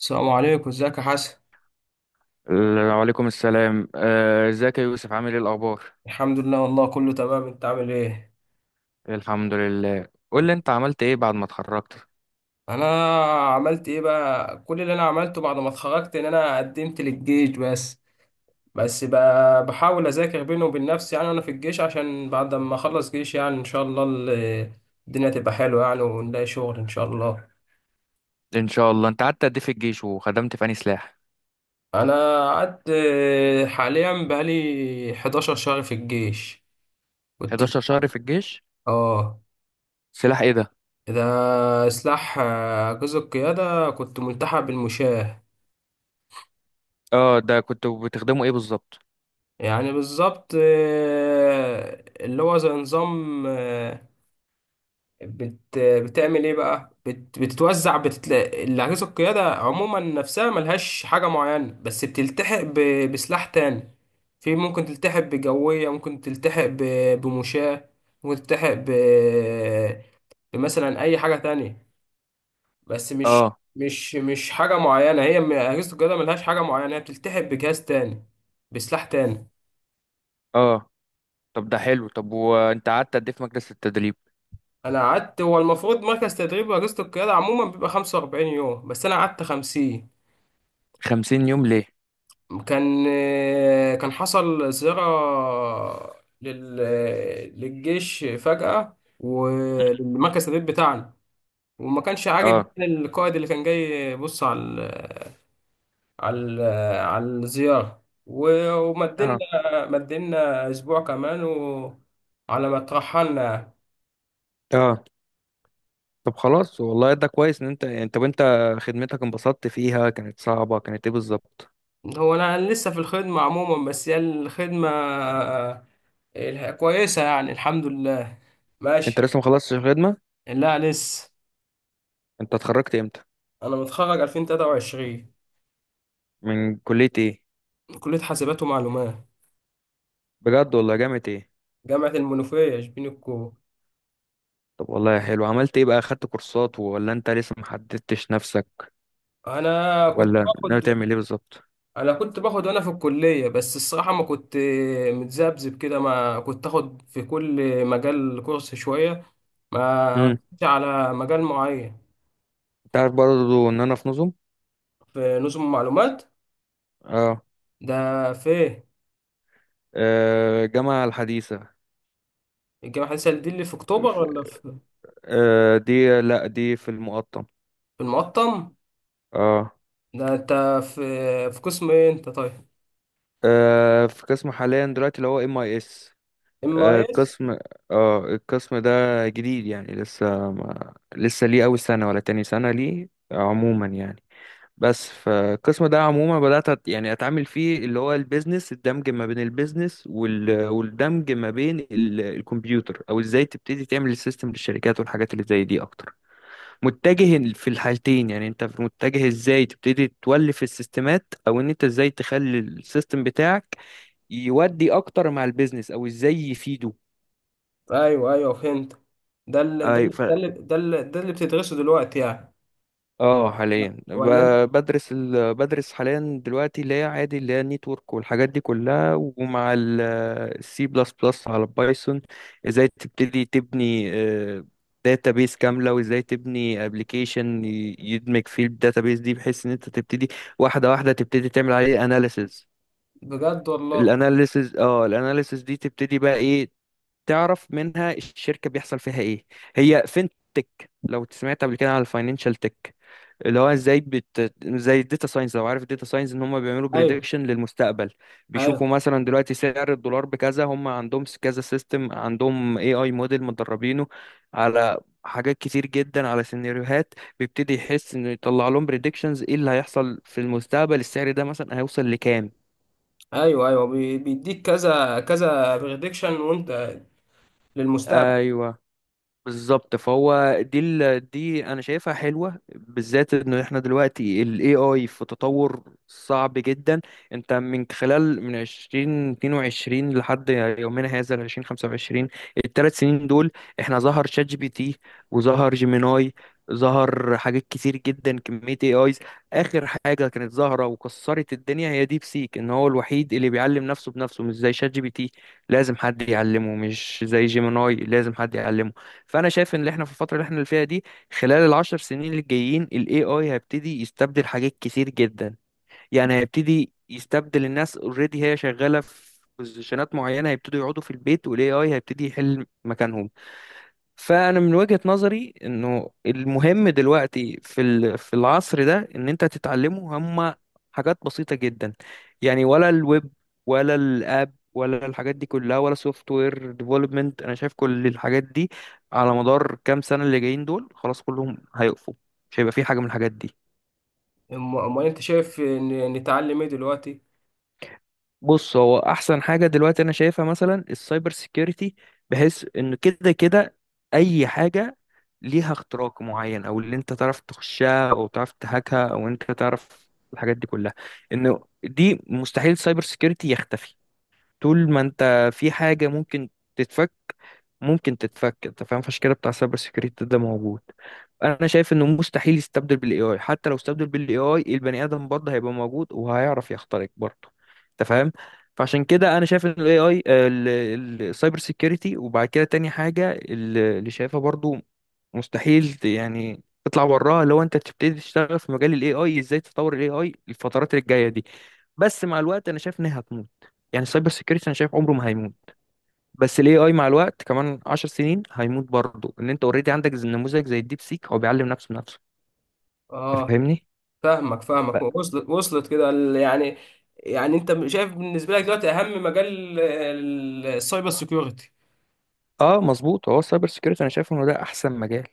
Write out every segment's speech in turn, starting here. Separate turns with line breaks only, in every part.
السلام عليكم، ازيك يا حسن.
وعليكم السلام، ازيك يا يوسف؟ عامل ايه الاخبار؟
الحمد لله والله كله تمام. انت عامل ايه؟
الحمد لله. قول لي انت عملت ايه بعد ما اتخرجت؟
انا عملت ايه بقى، كل اللي انا عملته بعد ما اتخرجت ان انا قدمت للجيش. بس بقى بحاول اذاكر بيني وبين نفسي، يعني انا في الجيش، عشان بعد ما اخلص جيش يعني ان شاء الله الدنيا تبقى حلوه يعني، ونلاقي شغل ان شاء الله.
ان شاء الله. انت قعدت قد ايه في الجيش وخدمت في انهي سلاح؟
انا قعدت، حاليا بقالي 11 شهر في الجيش. كنت
11 شهر في الجيش؟
اه.
سلاح ايه ده؟
ده سلاح، جزء القيادة، كنت ملتحق بالمشاة.
اه. ده كنت بتخدمه ايه بالظبط؟
يعني بالظبط، اللي هو زي نظام، بتعمل ايه بقى؟ بتتوزع بتتلاقي الأجهزة، القيادة عموما نفسها ملهاش حاجة معينة، بس بتلتحق بسلاح تاني. في ممكن تلتحق بجوية، ممكن تلتحق بمشاة، ممكن تلتحق بمثلا أي حاجة تانية. بس مش
اه.
مش مش حاجة معينة، هي أجهزة القيادة ملهاش حاجة معينة، هي بتلتحق بجهاز تاني، بسلاح تاني.
اه. طب ده حلو. طب وانت قعدت قد ايه في مجلس التدريب؟
انا قعدت، هو المفروض مركز تدريب رئاسة القيادة عموما بيبقى 45 يوم، بس انا قعدت 50.
50 يوم ليه؟
كان كان حصل زيارة لل... للجيش فجأة وللمركز التدريب بتاعنا، وما كانش عاجب
اه.
يعني القائد اللي كان جاي يبص على على ال... على الزيارة، ومدلنا،
اه.
اسبوع كمان، على ما اترحلنا يعني.
اه. طب خلاص، والله ده كويس ان انت يعني. طب انت وانت خدمتك انبسطت فيها؟ كانت صعبة؟ كانت ايه بالظبط؟
هو انا لسه في الخدمة عموما، بس هي الخدمة كويسة يعني، الحمد لله.
انت
ماشي.
لسه ما خلصتش الخدمة؟
لا، لسه.
انت اتخرجت امتى؟
انا متخرج 2023،
من كلية ايه؟
من كلية حاسبات ومعلومات،
بجد والله؟ جامعة ايه؟
جامعة المنوفية، شبين الكو.
طب والله حلو. عملت ايه بقى؟ خدت كورسات ولا انت لسه محددتش نفسك؟
انا كنت
ولا ناوي
باخد
تعمل ايه بالظبط؟
انا كنت باخد وانا في الكلية، بس الصراحة ما كنت، متذبذب كده، ما كنت اخد في كل مجال كورس شوية، ما
امم.
ركزتش على مجال معين.
انت عارف برضه ان انا في نظم.
في نظم معلومات.
اه.
ده فين؟
الجامعة الحديثة.
الجامعة الحديثة دي اللي في أكتوبر،
ف-
ولا في؟
دي، لا، دي في المقطم.
في المقطم؟
اه.
ده أنت في قسم إيه أنت طيب؟
في قسم حاليا دلوقتي اللي هو ام اي اس.
إم أي إس؟
قسم اه القسم ده جديد، يعني لسه ما... لسه ليه اول سنة ولا تاني سنة ليه عموما يعني. بس فالقسم ده عموما بدأت يعني أتعامل فيه اللي هو البيزنس، الدمج ما بين البيزنس والدمج ما بين الكمبيوتر، أو إزاي تبتدي تعمل السيستم للشركات والحاجات اللي زي دي أكتر. متجه في الحالتين، يعني أنت متجه إزاي تبتدي تولف السيستمات، أو إن أنت إزاي تخلي السيستم بتاعك يودي أكتر مع البيزنس أو إزاي يفيده.
أيوه أيوه فهمت. ده اللي بتدرسه دلوقتي يعني؟
اه، حاليا
ولا أنت-
بدرس بدرس حاليا دلوقتي اللي هي عادي، اللي هي النيتورك والحاجات دي كلها، ومع السي بلس بلس على البايثون. ازاي تبتدي تبني داتابيس كاملة، وازاي تبني ابلكيشن يدمج فيه الداتابيس دي بحيث ان انت تبتدي واحدة واحدة تبتدي تعمل عليه اناليسز.
بجد والله.
الاناليسز دي تبتدي بقى ايه؟ تعرف منها الشركة بيحصل فيها ايه. هي فينتك، لو سمعت قبل كده على الفاينانشال تك، اللي هو ازاي زي الداتا ساينس، لو عارف الداتا ساينس، ان هم بيعملوا
أيوه
بريدكشن للمستقبل. بيشوفوا
أيوه،
مثلا دلوقتي سعر الدولار بكذا، هم عندهم كذا سيستم، عندهم اي اي موديل مدربينه على حاجات كتير جدا، على سيناريوهات، بيبتدي يحس انه يطلع لهم بريدكشنز ايه اللي هيحصل في المستقبل، السعر ده مثلا هيوصل لكام.
أيوه أيوه بيديك كذا كذا بريدكشن وأنت للمستقبل.
ايوه، بالظبط. فهو دي انا شايفها حلوه، بالذات ان احنا دلوقتي ال AI في تطور صعب جدا. انت من خلال من 2022 لحد يومنا هذا ال 2025، الثلاث سنين دول احنا ظهر شات جي بي تي، وظهر جيميناي، ظهر حاجات كتير جدا، كمية AIs. آخر حاجة كانت ظاهرة وكسرت الدنيا هي ديب سيك، إن هو الوحيد اللي بيعلم نفسه بنفسه، مش زي شات جي بي تي لازم حد يعلمه، مش زي جيميناي لازم حد يعلمه. فانا شايف ان اللي احنا في الفتره اللي احنا فيها دي، خلال العشر سنين الجايين، الاي اي هيبتدي يستبدل حاجات كتير جدا. يعني هيبتدي يستبدل الناس، اوريدي هي شغاله في بوزيشنات معينه، هيبتدوا يقعدوا في البيت والاي اي هيبتدي يحل مكانهم. فانا من وجهة نظري انه المهم دلوقتي في العصر ده، ان انت تتعلمه هما حاجات بسيطة جدا. يعني ولا الويب، ولا الاب، ولا الحاجات دي كلها، ولا سوفت وير ديفلوبمنت، انا شايف كل الحاجات دي على مدار كام سنة اللي جايين دول خلاص كلهم هيقفوا، مش هيبقى في حاجة من الحاجات دي.
أمال أنت شايف نتعلم إيه دلوقتي؟
بص، هو احسن حاجه دلوقتي انا شايفها مثلا السايبر سيكيورتي، بحيث ان كده كده اي حاجه ليها اختراق معين، او اللي انت تعرف تخشها، او تعرف تهاكها، او انت تعرف الحاجات دي كلها. انه دي مستحيل السايبر سيكيورتي يختفي. طول ما انت في حاجه ممكن تتفك، ممكن تتفك، انت فاهم، فالشكل بتاع سايبر سيكيورتي ده موجود. انا شايف انه مستحيل يستبدل بالاي اي. حتى لو استبدل بالاي اي، البني ادم برضه هيبقى موجود وهيعرف يخترق برضه، انت فاهم. فعشان كده انا شايف ان الاي اي السايبر سيكيورتي، وبعد كده تاني حاجه اللي شايفها برضه مستحيل يعني تطلع وراها، لو انت تبتدي تشتغل في مجال الاي اي، ازاي تطور الاي اي الفترات اللي جايه دي. بس مع الوقت انا شايف انها هتموت. يعني السايبر سيكيورتي انا شايف عمره ما هيموت، بس الاي اي مع الوقت كمان 10 سنين هيموت برضه، ان انت اوريدي عندك نموذج زي الديب سيك هو بيعلم نفسه بنفسه. أنت
آه.
فاهمني؟
فاهمك فاهمك،
ف-
وصلت وصلت كده يعني، يعني انت شايف بالنسبه لك دلوقتي اهم مجال السايبر سيكيورتي.
اه مظبوط. هو السايبر سيكيورتي انا شايف انه ده احسن مجال.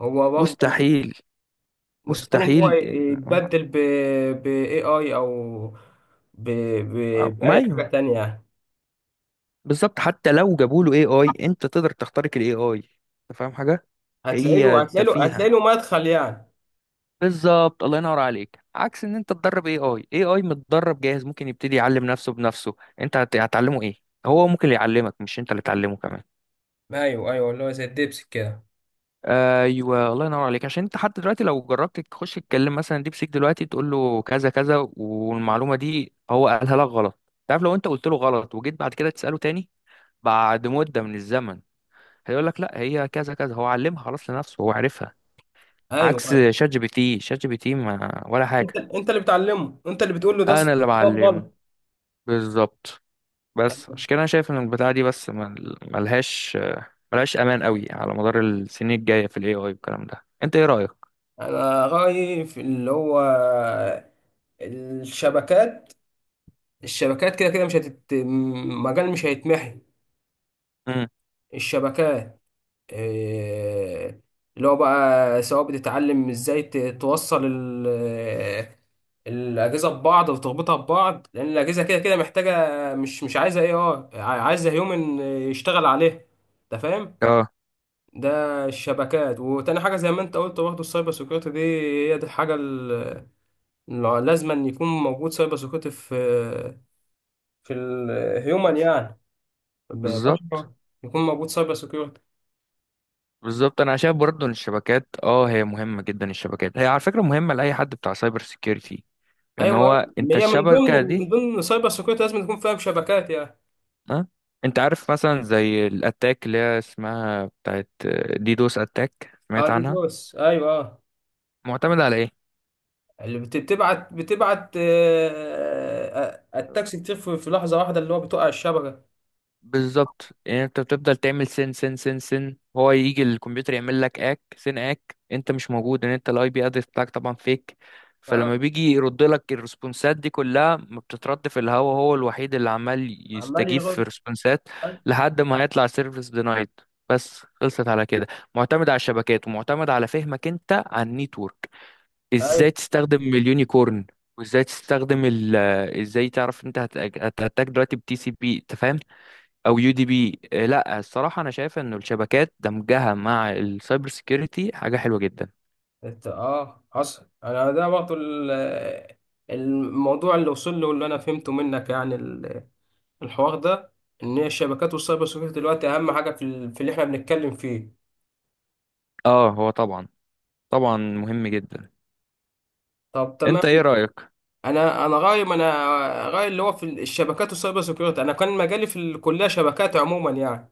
هو برضه لا،
مستحيل.
مستحيل ان هو
مستحيل
يتبدل ب اي اي، او ب ب
ما
باي حاجه
ايوه،
تانية يعني.
بالظبط. حتى لو جابوا له اي اي انت تقدر تخترق الاي اي، انت فاهم حاجه. هي تفيهه
هتلاقي له مدخل يعني.
بالظبط، الله ينور عليك. عكس ان انت تدرب اي اي، اي اي متدرب جاهز ممكن يبتدي يعلم نفسه بنفسه، انت هتعلمه ايه؟ هو ممكن يعلمك، مش انت اللي تعلمه كمان.
ايوه ايوه، اللي هو زي الدبس كده.
ايوه، الله ينور عليك. عشان انت حتى دلوقتي لو جربت تخش تتكلم مثلا ديب سيك دلوقتي، تقول له كذا كذا والمعلومه دي هو قالها لك غلط، تعرف، لو انت قلت له غلط وجيت بعد كده تساله تاني بعد مده من الزمن، هيقول لك لا هي كذا كذا، هو علمها خلاص لنفسه، هو عارفها.
ايوه
عكس
ايوه،
شات جي بي تي، شات جي بي تي ما ولا
انت
حاجه.
انت اللي بتعلمه، انت اللي بتقول له ده
انا
الصح،
اللي
ده
بعلمه.
الغلط.
بالظبط. بس عشان كده انا شايف ان البتاعه دي بس ملهاش امان قوي على مدار السنين الجايه في الاي اي والكلام ده. انت ايه رايك؟
انا رايي في اللي هو الشبكات الشبكات كده كده مش مجال مش هيتمحي.
امم.
الشبكات، آه، اللي هو بقى سواء بتتعلم ازاي توصل الأجهزة ببعض وتربطها ببعض، لأن الأجهزة كده كده محتاجة، مش عايزة اي، عايزة هيومن يشتغل عليها، أنت فاهم؟
اه
ده الشبكات، وتاني حاجة زي ما أنت قلت برضه، السايبر سيكيورتي دي هي دي الحاجة اللي لازم أن يكون موجود سايبر سيكيورتي في الهيومن يعني،
بالظبط.
ببشرة، يكون موجود سايبر سكيورتي.
بالظبط انا شايف برضه ان الشبكات هي مهمه جدا. الشبكات هي على فكره مهمه لاي حد بتاع سايبر سيكيورتي، ان
ايوه
هو
أيوة.
انت
هي من ضمن،
الشبكه
من
دي.
ضمن سايبر سكيورتي لازم تكون فاهم شبكات يعني.
ها. انت عارف مثلا زي الاتاك اللي هي اسمها بتاعت ديدوس اتاك،
اه،
سمعت
دي
عنها؟
دوس، ايوه، اه.
معتمده على ايه؟
اللي بتبعت التاكسي كتير في لحظه واحده، اللي هو بتقع الشبكه.
بالظبط. يعني انت بتفضل تعمل سن سن سن سن، هو يجي الكمبيوتر يعمل لك اك سن اك، انت مش موجود، ان انت الاي بي ادرس بتاعك طبعا فيك. فلما
اه،
بيجي يرد لك الريسبونسات دي كلها، ما بتترد في الهوا، هو الوحيد اللي عمال
عمال
يستجيب في
يرد.
الريسبونسات لحد ما هيطلع سيرفيس دينايد، بس. خلصت على كده. معتمد على الشبكات، ومعتمد على فهمك انت عن النيتورك، ازاي
ايوه.
تستخدم اليونيكورن، وازاي تستخدم ال، ازاي تعرف انت هتأتاك دلوقتي بتي سي بي، انت فاهم، او يو دي بي. لا، الصراحه انا شايف انه الشبكات دمجها مع السايبر سيكيورتي حاجه حلوه جدا.
حصل. انا ده برضه الموضوع اللي وصل له واللي انا فهمته منك يعني الحوار ده، ان هي الشبكات والسايبر سكيورتي دلوقتي اهم حاجه في في اللي احنا بنتكلم فيه.
اه هو طبعا. طبعا مهم جدا.
طب
انت
تمام.
ايه رايك؟
انا انا غاية ما انا غاية، اللي هو في الشبكات والسايبر سيكيورتي، انا كان مجالي في الكليه شبكات عموما يعني.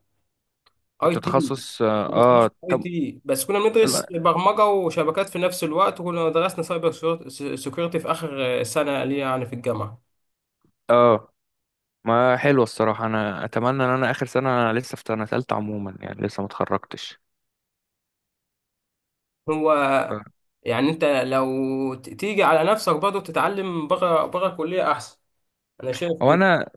اي
كنت
تي.
تخصص
كنت في تخصص اي
طب.
تي، بس كنا بندرس
لا،
برمجه وشبكات في نفس الوقت، وكنا درسنا سايبر سيكيورتي في اخر سنه ليا يعني في الجامعه.
اه ما حلوه الصراحه. انا اتمنى ان انا اخر سنه. انا لسه في سنه ثالثه عموما، يعني لسه ما اتخرجتش.
هو
آه.
يعني انت لو تيجي على نفسك، برضه تتعلم بره بره الكليه احسن، انا شايف.
هو انا.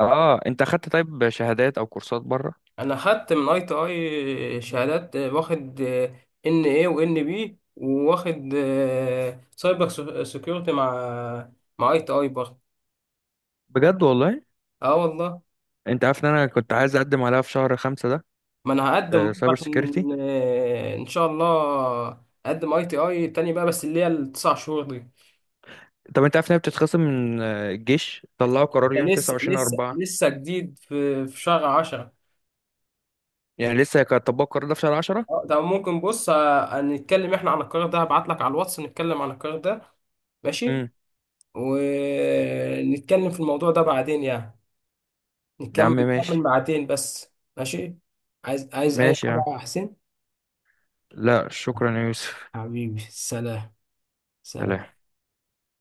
اه انت اخدت طيب شهادات او كورسات بره؟
انا خدت من اي تي اي شهادات، واخد، ان اي وان بي، وواخد، سايبر سيكيورتي مع اي تي اي برضه.
بجد والله.
اه والله.
انت عارف ان انا كنت عايز اقدم عليها في شهر خمسة ده؟
ما انا هقدم برضه
سايبر سيكيورتي.
عشان، ان شاء الله اقدم اي تي اي تاني بقى، بس اللي هي ال 9 شهور دي.
طب انت عارف انها بتتخصم من الجيش طلعوا قرار
ده
يوم 29 4؟
لسه جديد، في شهر 10.
يعني لسه كان طبقوا القرار ده في شهر 10.
اه، ده ممكن، بص، نتكلم احنا عن القرار ده، هبعت لك على الواتس نتكلم عن القرار ده. ماشي.
امم.
ونتكلم في الموضوع ده بعدين يعني،
يا عم
نكمل
ماشي.
ساعتين بس. ماشي. عايز أي
ماشي يا
حاجة
عم.
يا حسين؟
لا، شكرا يا يوسف.
حبيبي، سلام.
سلام.
سلام.